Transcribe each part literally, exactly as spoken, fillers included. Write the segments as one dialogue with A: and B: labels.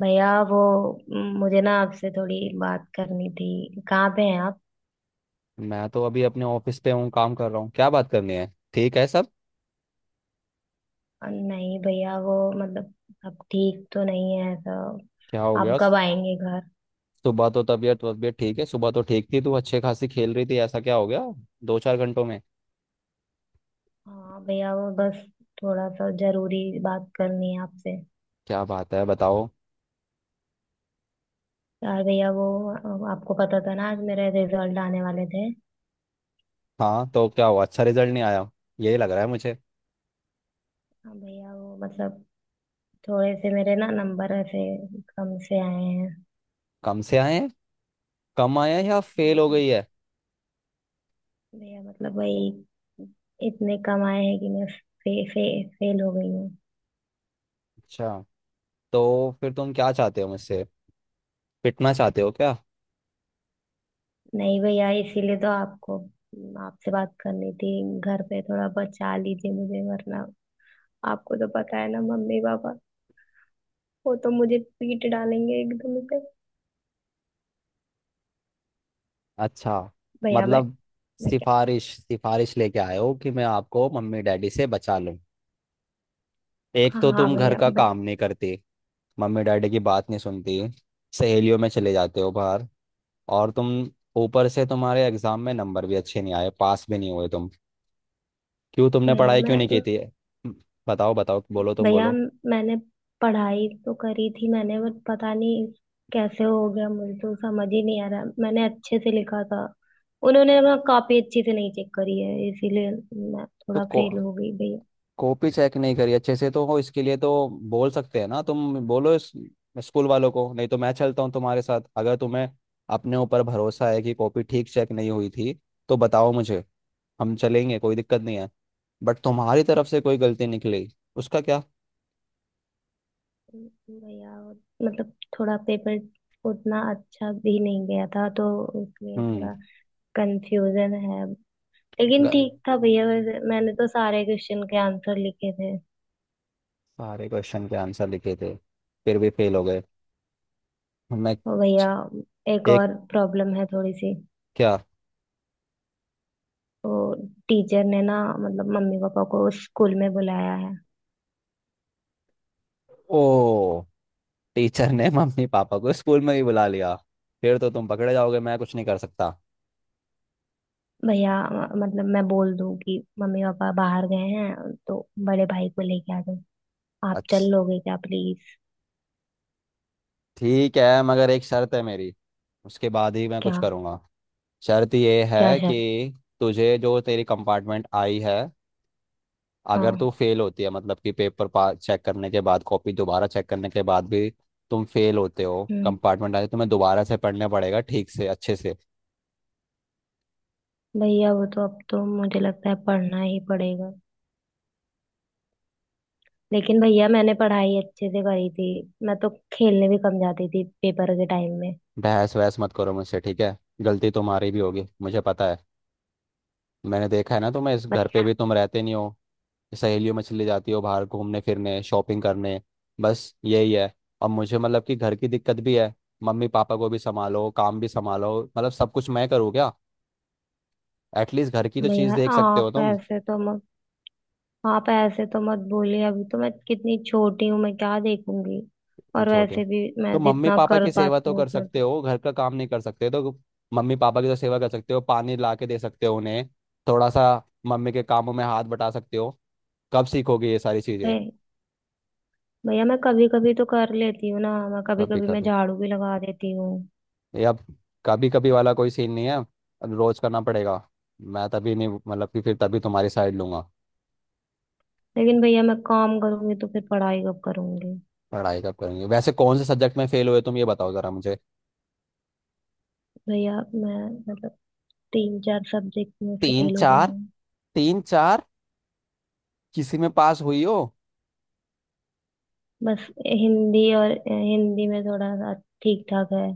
A: भैया, वो म, मुझे ना आपसे थोड़ी बात करनी थी। कहाँ पे हैं आप।
B: मैं तो अभी अपने ऑफिस पे हूँ, काम कर रहा हूँ। क्या बात करनी है? ठीक है सब?
A: नहीं भैया, वो मतलब अब ठीक तो नहीं है ऐसा।
B: क्या हो
A: आप
B: गया?
A: कब आएंगे घर।
B: सुबह तो तबीयत तबीयत ठीक है, सुबह तो ठीक थी, तू अच्छे खासी खेल रही थी, ऐसा क्या हो गया? दो चार घंटों में।
A: हाँ भैया, वो बस थोड़ा सा जरूरी बात करनी है आपसे।
B: क्या बात है, बताओ।
A: यार भैया, वो अ, आपको पता था ना आज मेरे रिजल्ट आने वाले थे।
B: हाँ, तो क्या हुआ? अच्छा, रिजल्ट नहीं आया? यही लग रहा है मुझे।
A: हाँ भैया, वो मतलब थोड़े से मेरे ना नंबर ऐसे कम से आए हैं।
B: कम से आए हैं? कम आया है या
A: हाँ
B: फेल हो
A: मतलब,
B: गई है?
A: भैया मतलब वही इतने कम आए हैं कि मैं फे, फे, फेल हो गई हूँ।
B: अच्छा। तो फिर तुम क्या चाहते हो मुझसे? पिटना चाहते हो क्या?
A: नहीं भैया, इसीलिए तो आपको आपसे बात करनी थी। घर पे थोड़ा बचा लीजिए मुझे, वरना आपको तो पता है ना मम्मी पापा वो तो मुझे पीट डालेंगे एकदम से।
B: अच्छा,
A: भैया मैं।
B: मतलब
A: मैं क्या।
B: सिफारिश सिफारिश लेके आए हो कि मैं आपको मम्मी डैडी से बचा लूँ? एक
A: हाँ,
B: तो
A: हाँ,
B: तुम घर
A: भैया
B: का काम
A: भैया।
B: नहीं करती, मम्मी डैडी की बात नहीं सुनती, सहेलियों में चले जाते हो बाहर, और तुम, ऊपर से तुम्हारे एग्जाम में नंबर भी अच्छे नहीं आए, पास भी नहीं हुए तुम। क्यों तुमने
A: भैया
B: पढ़ाई क्यों
A: मैं।
B: नहीं की थी? हम्म, बताओ, बताओ, बोलो, तुम
A: भैया,
B: बोलो।
A: मैंने पढ़ाई तो करी थी। मैंने बट पता नहीं कैसे हो गया, मुझे तो समझ ही नहीं आ रहा, मैंने अच्छे से लिखा था। उन्होंने ना कॉपी अच्छे से नहीं चेक करी है, इसीलिए मैं
B: तो
A: थोड़ा
B: को
A: फेल हो गई भैया।
B: कॉपी चेक नहीं करी अच्छे से तो, हो इसके लिए तो बोल सकते हैं ना, तुम बोलो इस स्कूल वालों को, नहीं तो मैं चलता हूँ तुम्हारे साथ, अगर तुम्हें अपने ऊपर भरोसा है कि कॉपी ठीक चेक नहीं हुई थी तो बताओ मुझे। हम चलेंगे, कोई दिक्कत नहीं है। बट तुम्हारी तरफ से कोई गलती निकली, उसका क्या?
A: भैया, वो मतलब थोड़ा पेपर उतना अच्छा भी नहीं गया था, तो इसलिए
B: हम्म।
A: थोड़ा कंफ्यूजन है। लेकिन
B: ग-
A: ठीक था भैया, वैसे मैंने तो सारे क्वेश्चन के आंसर लिखे थे।
B: सारे क्वेश्चन के आंसर लिखे थे, फिर भी फेल हो गए? मैं
A: और भैया,
B: छ-
A: एक
B: एक
A: और प्रॉब्लम है थोड़ी सी।
B: क्या?
A: तो टीचर ने ना मतलब मम्मी पापा को स्कूल में बुलाया है।
B: ओ, टीचर ने मम्मी पापा को स्कूल में ही बुला लिया? फिर तो तुम पकड़े जाओगे, मैं कुछ नहीं कर सकता।
A: भैया, म- मतलब मैं बोल दूं कि मम्मी पापा बाहर गए हैं तो बड़े भाई को लेके आ जाओ। आप चल
B: अच्छा,
A: लोगे क्या, प्लीज।
B: ठीक है, मगर एक शर्त है मेरी, उसके बाद ही मैं
A: क्या।
B: कुछ करूँगा। शर्त ये
A: क्या
B: है
A: शर्त।
B: कि तुझे जो तेरी कंपार्टमेंट आई है, अगर
A: हाँ।
B: तू फेल होती है, मतलब कि पेपर पा चेक करने के बाद, कॉपी दोबारा चेक करने के बाद भी तुम फेल होते हो,
A: हम्म।
B: कंपार्टमेंट आए, तुम्हें दोबारा से पढ़ना पड़ेगा, ठीक से, अच्छे से।
A: भैया, वो तो अब तो मुझे लगता है पढ़ना ही पड़ेगा। लेकिन भैया, मैंने पढ़ाई अच्छे से करी थी। मैं तो खेलने भी कम जाती थी पेपर के टाइम में।
B: बहस वहस मत करो मुझसे, ठीक है? गलती तुम्हारी भी होगी, मुझे पता है। मैंने देखा है ना तुम्हें, इस
A: बस
B: घर पे भी तुम रहते नहीं हो, सहेलियों में चली जाती हो बाहर घूमने फिरने, शॉपिंग करने। बस यही है। अब मुझे, मतलब कि घर की दिक्कत भी है। मम्मी पापा को भी संभालो, काम भी संभालो, मतलब सब कुछ मैं करूँ क्या? एटलीस्ट घर की तो चीज़
A: भैया,
B: देख सकते हो
A: आप
B: तुम।
A: ऐसे तो मत आप ऐसे तो मत बोलिए। अभी तो मैं कितनी छोटी हूँ, मैं क्या देखूंगी।
B: नहीं
A: और
B: छोटे हो।
A: वैसे भी
B: तो
A: मैं
B: मम्मी
A: जितना
B: पापा
A: कर
B: की सेवा
A: पाती
B: तो
A: हूँ
B: कर
A: उतना।
B: सकते हो, घर का काम नहीं कर सकते तो मम्मी पापा की तो सेवा कर सकते हो, पानी ला के दे सकते हो उन्हें, थोड़ा सा मम्मी के कामों में हाथ बटा सकते हो। कब सीखोगे ये सारी चीजें?
A: भै- भैया, मैं कभी कभी तो कर लेती हूँ ना। मैं कभी
B: कभी
A: कभी मैं
B: कभी?
A: झाड़ू भी लगा देती हूँ।
B: ये अब, कभी कभी वाला कोई सीन नहीं है, अब रोज करना पड़ेगा। मैं तभी नहीं, मतलब कि फिर तभी तुम्हारी साइड लूंगा।
A: लेकिन भैया, मैं काम करूंगी तो फिर पढ़ाई कब करूंगी।
B: पढ़ाई कब करेंगे? वैसे कौन से सब्जेक्ट में फेल हुए तुम, ये बताओ जरा मुझे।
A: भैया, मैं मतलब तीन चार सब्जेक्ट में
B: तीन
A: फेल हो गई
B: चार?
A: हूँ।
B: तीन चार? किसी में पास हुई हो?
A: बस हिंदी, और हिंदी में थोड़ा सा ठीक ठाक है।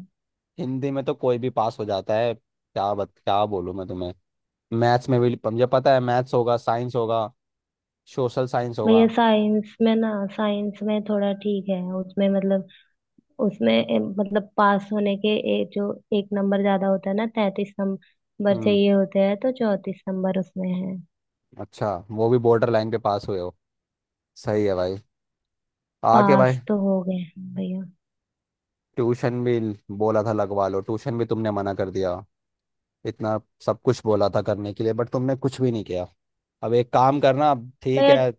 B: हिंदी में तो कोई भी पास हो जाता है, क्या बत, क्या बोलूं मैं तुम्हें। मैथ्स में भी, मुझे पता है, मैथ्स होगा, साइंस होगा, सोशल साइंस होगा।
A: भैया, साइंस में ना, साइंस में थोड़ा ठीक है। उसमें मतलब उसमें अ, मतलब पास होने के ए, जो एक नंबर ज्यादा होता है ना, तैतीस नंबर
B: हम्म
A: चाहिए होते हैं, तो चौतीस नंबर उसमें है।
B: अच्छा, वो भी बॉर्डर लाइन पे पास हुए हो। सही है भाई। आगे
A: पास
B: भाई,
A: तो हो गए हैं भैया।
B: ट्यूशन भी बोला था लगवा लो, ट्यूशन भी तुमने मना कर दिया। इतना सब कुछ बोला था करने के लिए, बट तुमने कुछ भी नहीं किया। अब एक काम करना, अब ठीक
A: भैया,
B: है।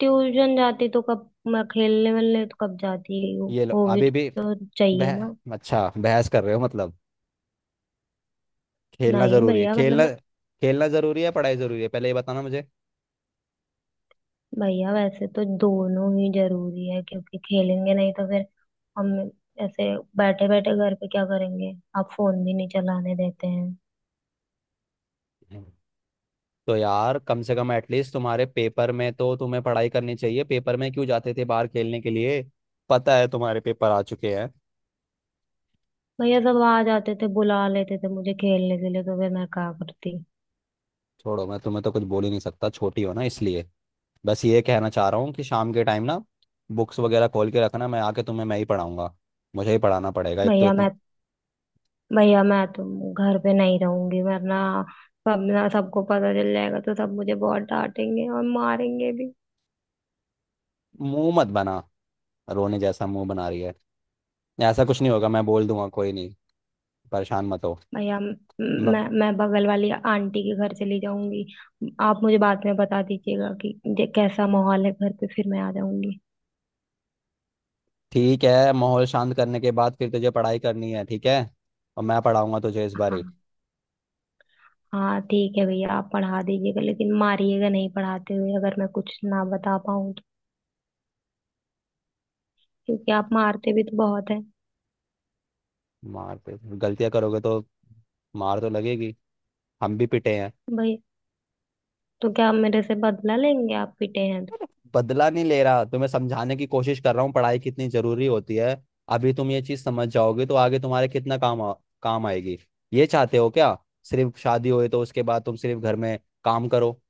A: ट्यूशन जाती तो कब, मैं खेलने वेलने तो कब जाती हूँ,
B: ये लो
A: वो भी
B: अभी भी।
A: तो
B: बह
A: चाहिए ना।
B: अच्छा, बहस कर रहे हो मतलब? खेलना
A: नहीं
B: जरूरी है,
A: भैया, मतलब
B: खेलना?
A: मैं।
B: खेलना जरूरी है, पढ़ाई जरूरी है, पहले ये बताना मुझे।
A: भैया, वैसे तो दोनों ही जरूरी है क्योंकि खेलेंगे नहीं तो फिर हम ऐसे बैठे बैठे घर पे क्या करेंगे। आप फोन भी नहीं चलाने देते हैं।
B: तो यार कम से कम एटलीस्ट तुम्हारे पेपर में तो तुम्हें पढ़ाई करनी चाहिए, पेपर में क्यों जाते थे बाहर खेलने के लिए? पता है तुम्हारे पेपर आ चुके हैं।
A: भैया, सब आ जाते थे बुला लेते थे मुझे खेलने के लिए, तो फिर मैं क्या करती।
B: छोड़ो, मैं तुम्हें तो कुछ बोल ही नहीं सकता, छोटी हो ना इसलिए। बस ये कहना चाह रहा हूँ कि शाम के टाइम ना, बुक्स वगैरह खोल के रखना, मैं आके तुम्हें मैं ही पढ़ाऊंगा। मुझे ही पढ़ाना पड़ेगा, एक तो
A: भैया
B: इतनी।
A: मैं। भैया, मैं तो घर पे नहीं रहूंगी, वरना सब ना, सबको पता चल जाएगा तो सब मुझे बहुत डांटेंगे और मारेंगे भी।
B: मुंह मत बना, रोने जैसा मुंह बना रही है। ऐसा कुछ नहीं होगा, मैं बोल दूंगा, कोई नहीं, परेशान मत हो।
A: या
B: म-
A: मैं मैं बगल वाली आंटी के घर चली जाऊंगी। आप मुझे बाद में बता दीजिएगा कि जे- कैसा माहौल है घर पे, फिर मैं आ जाऊंगी।
B: ठीक है, माहौल शांत करने के बाद फिर तुझे पढ़ाई करनी है, ठीक है? और मैं पढ़ाऊंगा तुझे इस बार ही।
A: हाँ। हाँ ठीक है भैया, आप पढ़ा दीजिएगा लेकिन मारिएगा नहीं पढ़ाते हुए, अगर मैं कुछ ना बता पाऊँ तो, क्योंकि आप मारते भी तो बहुत है।
B: मारते? गलतियाँ करोगे तो मार तो लगेगी, हम भी पिटे हैं।
A: भैया, तो क्या आप मेरे से बदला लेंगे, आप पिटे हैं तो।
B: बदला नहीं ले रहा, तुम्हें समझाने की कोशिश कर रहा हूँ पढ़ाई कितनी जरूरी होती है। अभी तुम ये चीज समझ जाओगे तो आगे तुम्हारे कितना काम आ, काम आएगी। ये चाहते हो क्या, सिर्फ शादी होए तो उसके बाद तुम सिर्फ घर में काम करो?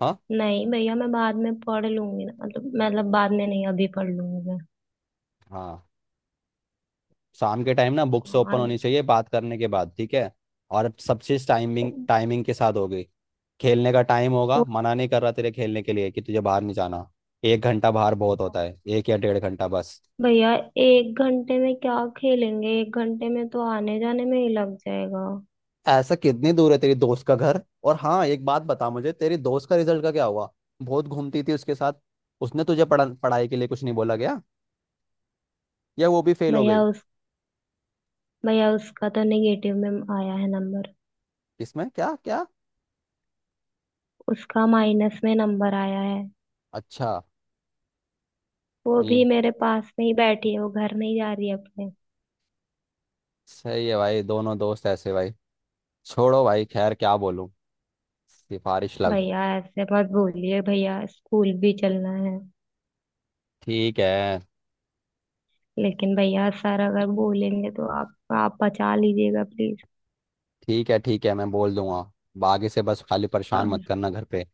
B: हाँ।
A: नहीं भैया, मैं बाद में पढ़ लूंगी ना मतलब मतलब बाद में नहीं, अभी पढ़ लूंगी मैं।
B: हाँ, शाम के टाइम ना बुक्स ओपन
A: हाँ।
B: होनी चाहिए बात करने के बाद, ठीक है? और सब चीज टाइमिंग टाइमिंग के साथ होगी। खेलने का टाइम होगा,
A: वो
B: मना नहीं कर रहा तेरे खेलने के लिए कि तुझे बाहर नहीं जाना। एक घंटा बाहर बहुत होता है, एक या डेढ़ घंटा बस।
A: भैया, एक घंटे में क्या खेलेंगे, एक घंटे में तो आने जाने में ही लग जाएगा।
B: ऐसा कितनी दूर है तेरी दोस्त का घर? और हाँ, एक बात बता मुझे, तेरी दोस्त का रिजल्ट का क्या हुआ? बहुत घूमती थी उसके साथ। उसने तुझे पढ़ा पढ़ाई के लिए कुछ नहीं बोला गया? या वो भी फेल हो
A: भैया
B: गई?
A: उस। भैया, उसका तो नेगेटिव में आया है नंबर।
B: किसमें, क्या क्या?
A: उसका माइनस में नंबर आया है।
B: अच्छा।
A: वो भी
B: ये
A: मेरे पास में ही बैठी है, वो घर नहीं जा रही है अपने।
B: सही है भाई, दोनों दोस्त ऐसे भाई। छोड़ो भाई, खैर क्या बोलूं। सिफारिश लग
A: भैया, ऐसे मत बोलिए भैया, स्कूल भी चलना है।
B: ठीक है,
A: लेकिन भैया, सर अगर बोलेंगे तो आप आप बचा लीजिएगा प्लीज।
B: ठीक है। ठीक है, मैं बोल दूंगा। बागी से बस, खाली परेशान मत करना घर पे।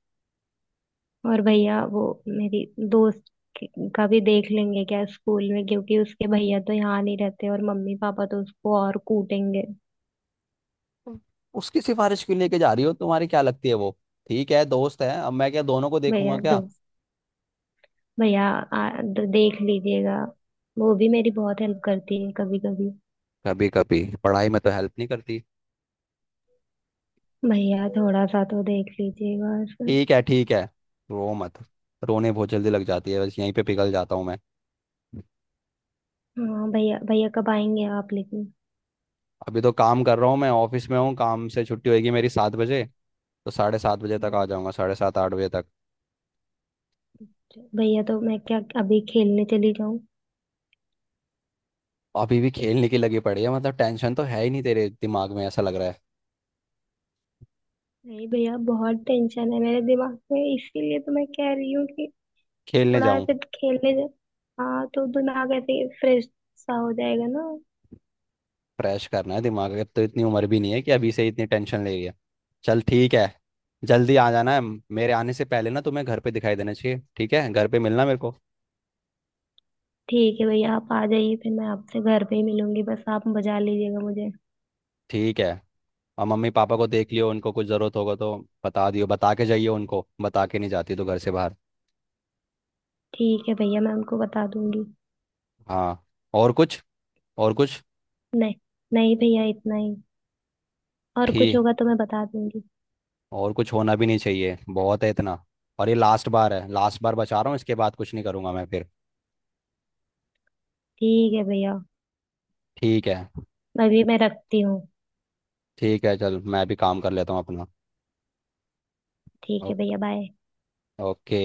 A: और भैया, वो मेरी दोस्त के- का भी देख लेंगे क्या स्कूल में, क्योंकि उसके भैया तो यहाँ नहीं रहते और मम्मी पापा तो उसको और कूटेंगे।
B: हम्म। उसकी सिफारिश क्यों लेके जा रही हो? तुम्हारी क्या लगती है वो? ठीक है, दोस्त है, अब मैं क्या दोनों को देखूंगा
A: भैया
B: क्या?
A: दोस्त। भैया, आ, द- देख लीजिएगा। वो भी मेरी बहुत हेल्प करती है कभी कभी।
B: कभी कभी पढ़ाई में तो हेल्प नहीं करती।
A: भैया, थोड़ा सा तो देख लीजिएगा इसका।
B: ठीक है, ठीक है, रो मत। रोने बहुत जल्दी लग जाती है, बस यहीं पे पिघल जाता हूँ मैं।
A: हाँ भैया, भैया कब आएंगे आप लेकिन।
B: अभी तो काम कर रहा हूँ, मैं ऑफिस में हूँ, काम से छुट्टी होगी मेरी सात बजे, तो साढ़े सात बजे तक आ
A: हाँ
B: जाऊंगा, साढ़े सात आठ बजे तक।
A: भैया, तो मैं क्या अभी खेलने चली जाऊं।
B: अभी भी खेलने की लगी पड़ी है, मतलब टेंशन तो है ही नहीं तेरे दिमाग में ऐसा लग रहा है।
A: नहीं भैया, बहुत टेंशन है मेरे दिमाग में, इसीलिए तो मैं कह रही हूँ कि
B: खेलने
A: थोड़ा
B: जाऊं?
A: ऐसे खेलने से। हाँ, तो दिमाग ऐसे फ्रेश सा हो जाएगा ना।
B: फ्रेश करना है दिमाग? अब तो इतनी उम्र भी नहीं है कि अभी से इतनी टेंशन ले रही है। चल, ठीक है। जल्दी आ जाना है, मेरे आने से पहले ना तुम्हें घर पे दिखाई देना चाहिए, ठीक है? घर पे मिलना मेरे को।
A: ठीक है भैया, आप आ जाइए फिर मैं आपसे घर पे ही मिलूंगी, बस आप बजा लीजिएगा मुझे।
B: ठीक है। और मम्मी पापा को देख लियो, उनको कुछ ज़रूरत होगा तो बता दियो, बता के जाइए उनको, बता के नहीं जाती तो घर से बाहर।
A: ठीक है भैया, मैं उनको बता दूंगी।
B: हाँ, और कुछ? और कुछ?
A: नहीं, नहीं भैया, इतना ही। और कुछ
B: ठीक।
A: होगा तो मैं बता दूंगी।
B: और कुछ होना भी नहीं चाहिए, बहुत है इतना। और ये लास्ट बार है, लास्ट बार बचा रहा हूँ, इसके बाद कुछ नहीं करूँगा मैं फिर।
A: ठीक है भैया,
B: ठीक है।
A: अभी मैं रखती हूँ।
B: ठीक है चल, मैं भी काम कर लेता हूँ अपना।
A: ठीक है
B: ओ-
A: भैया, बाय।
B: ओके।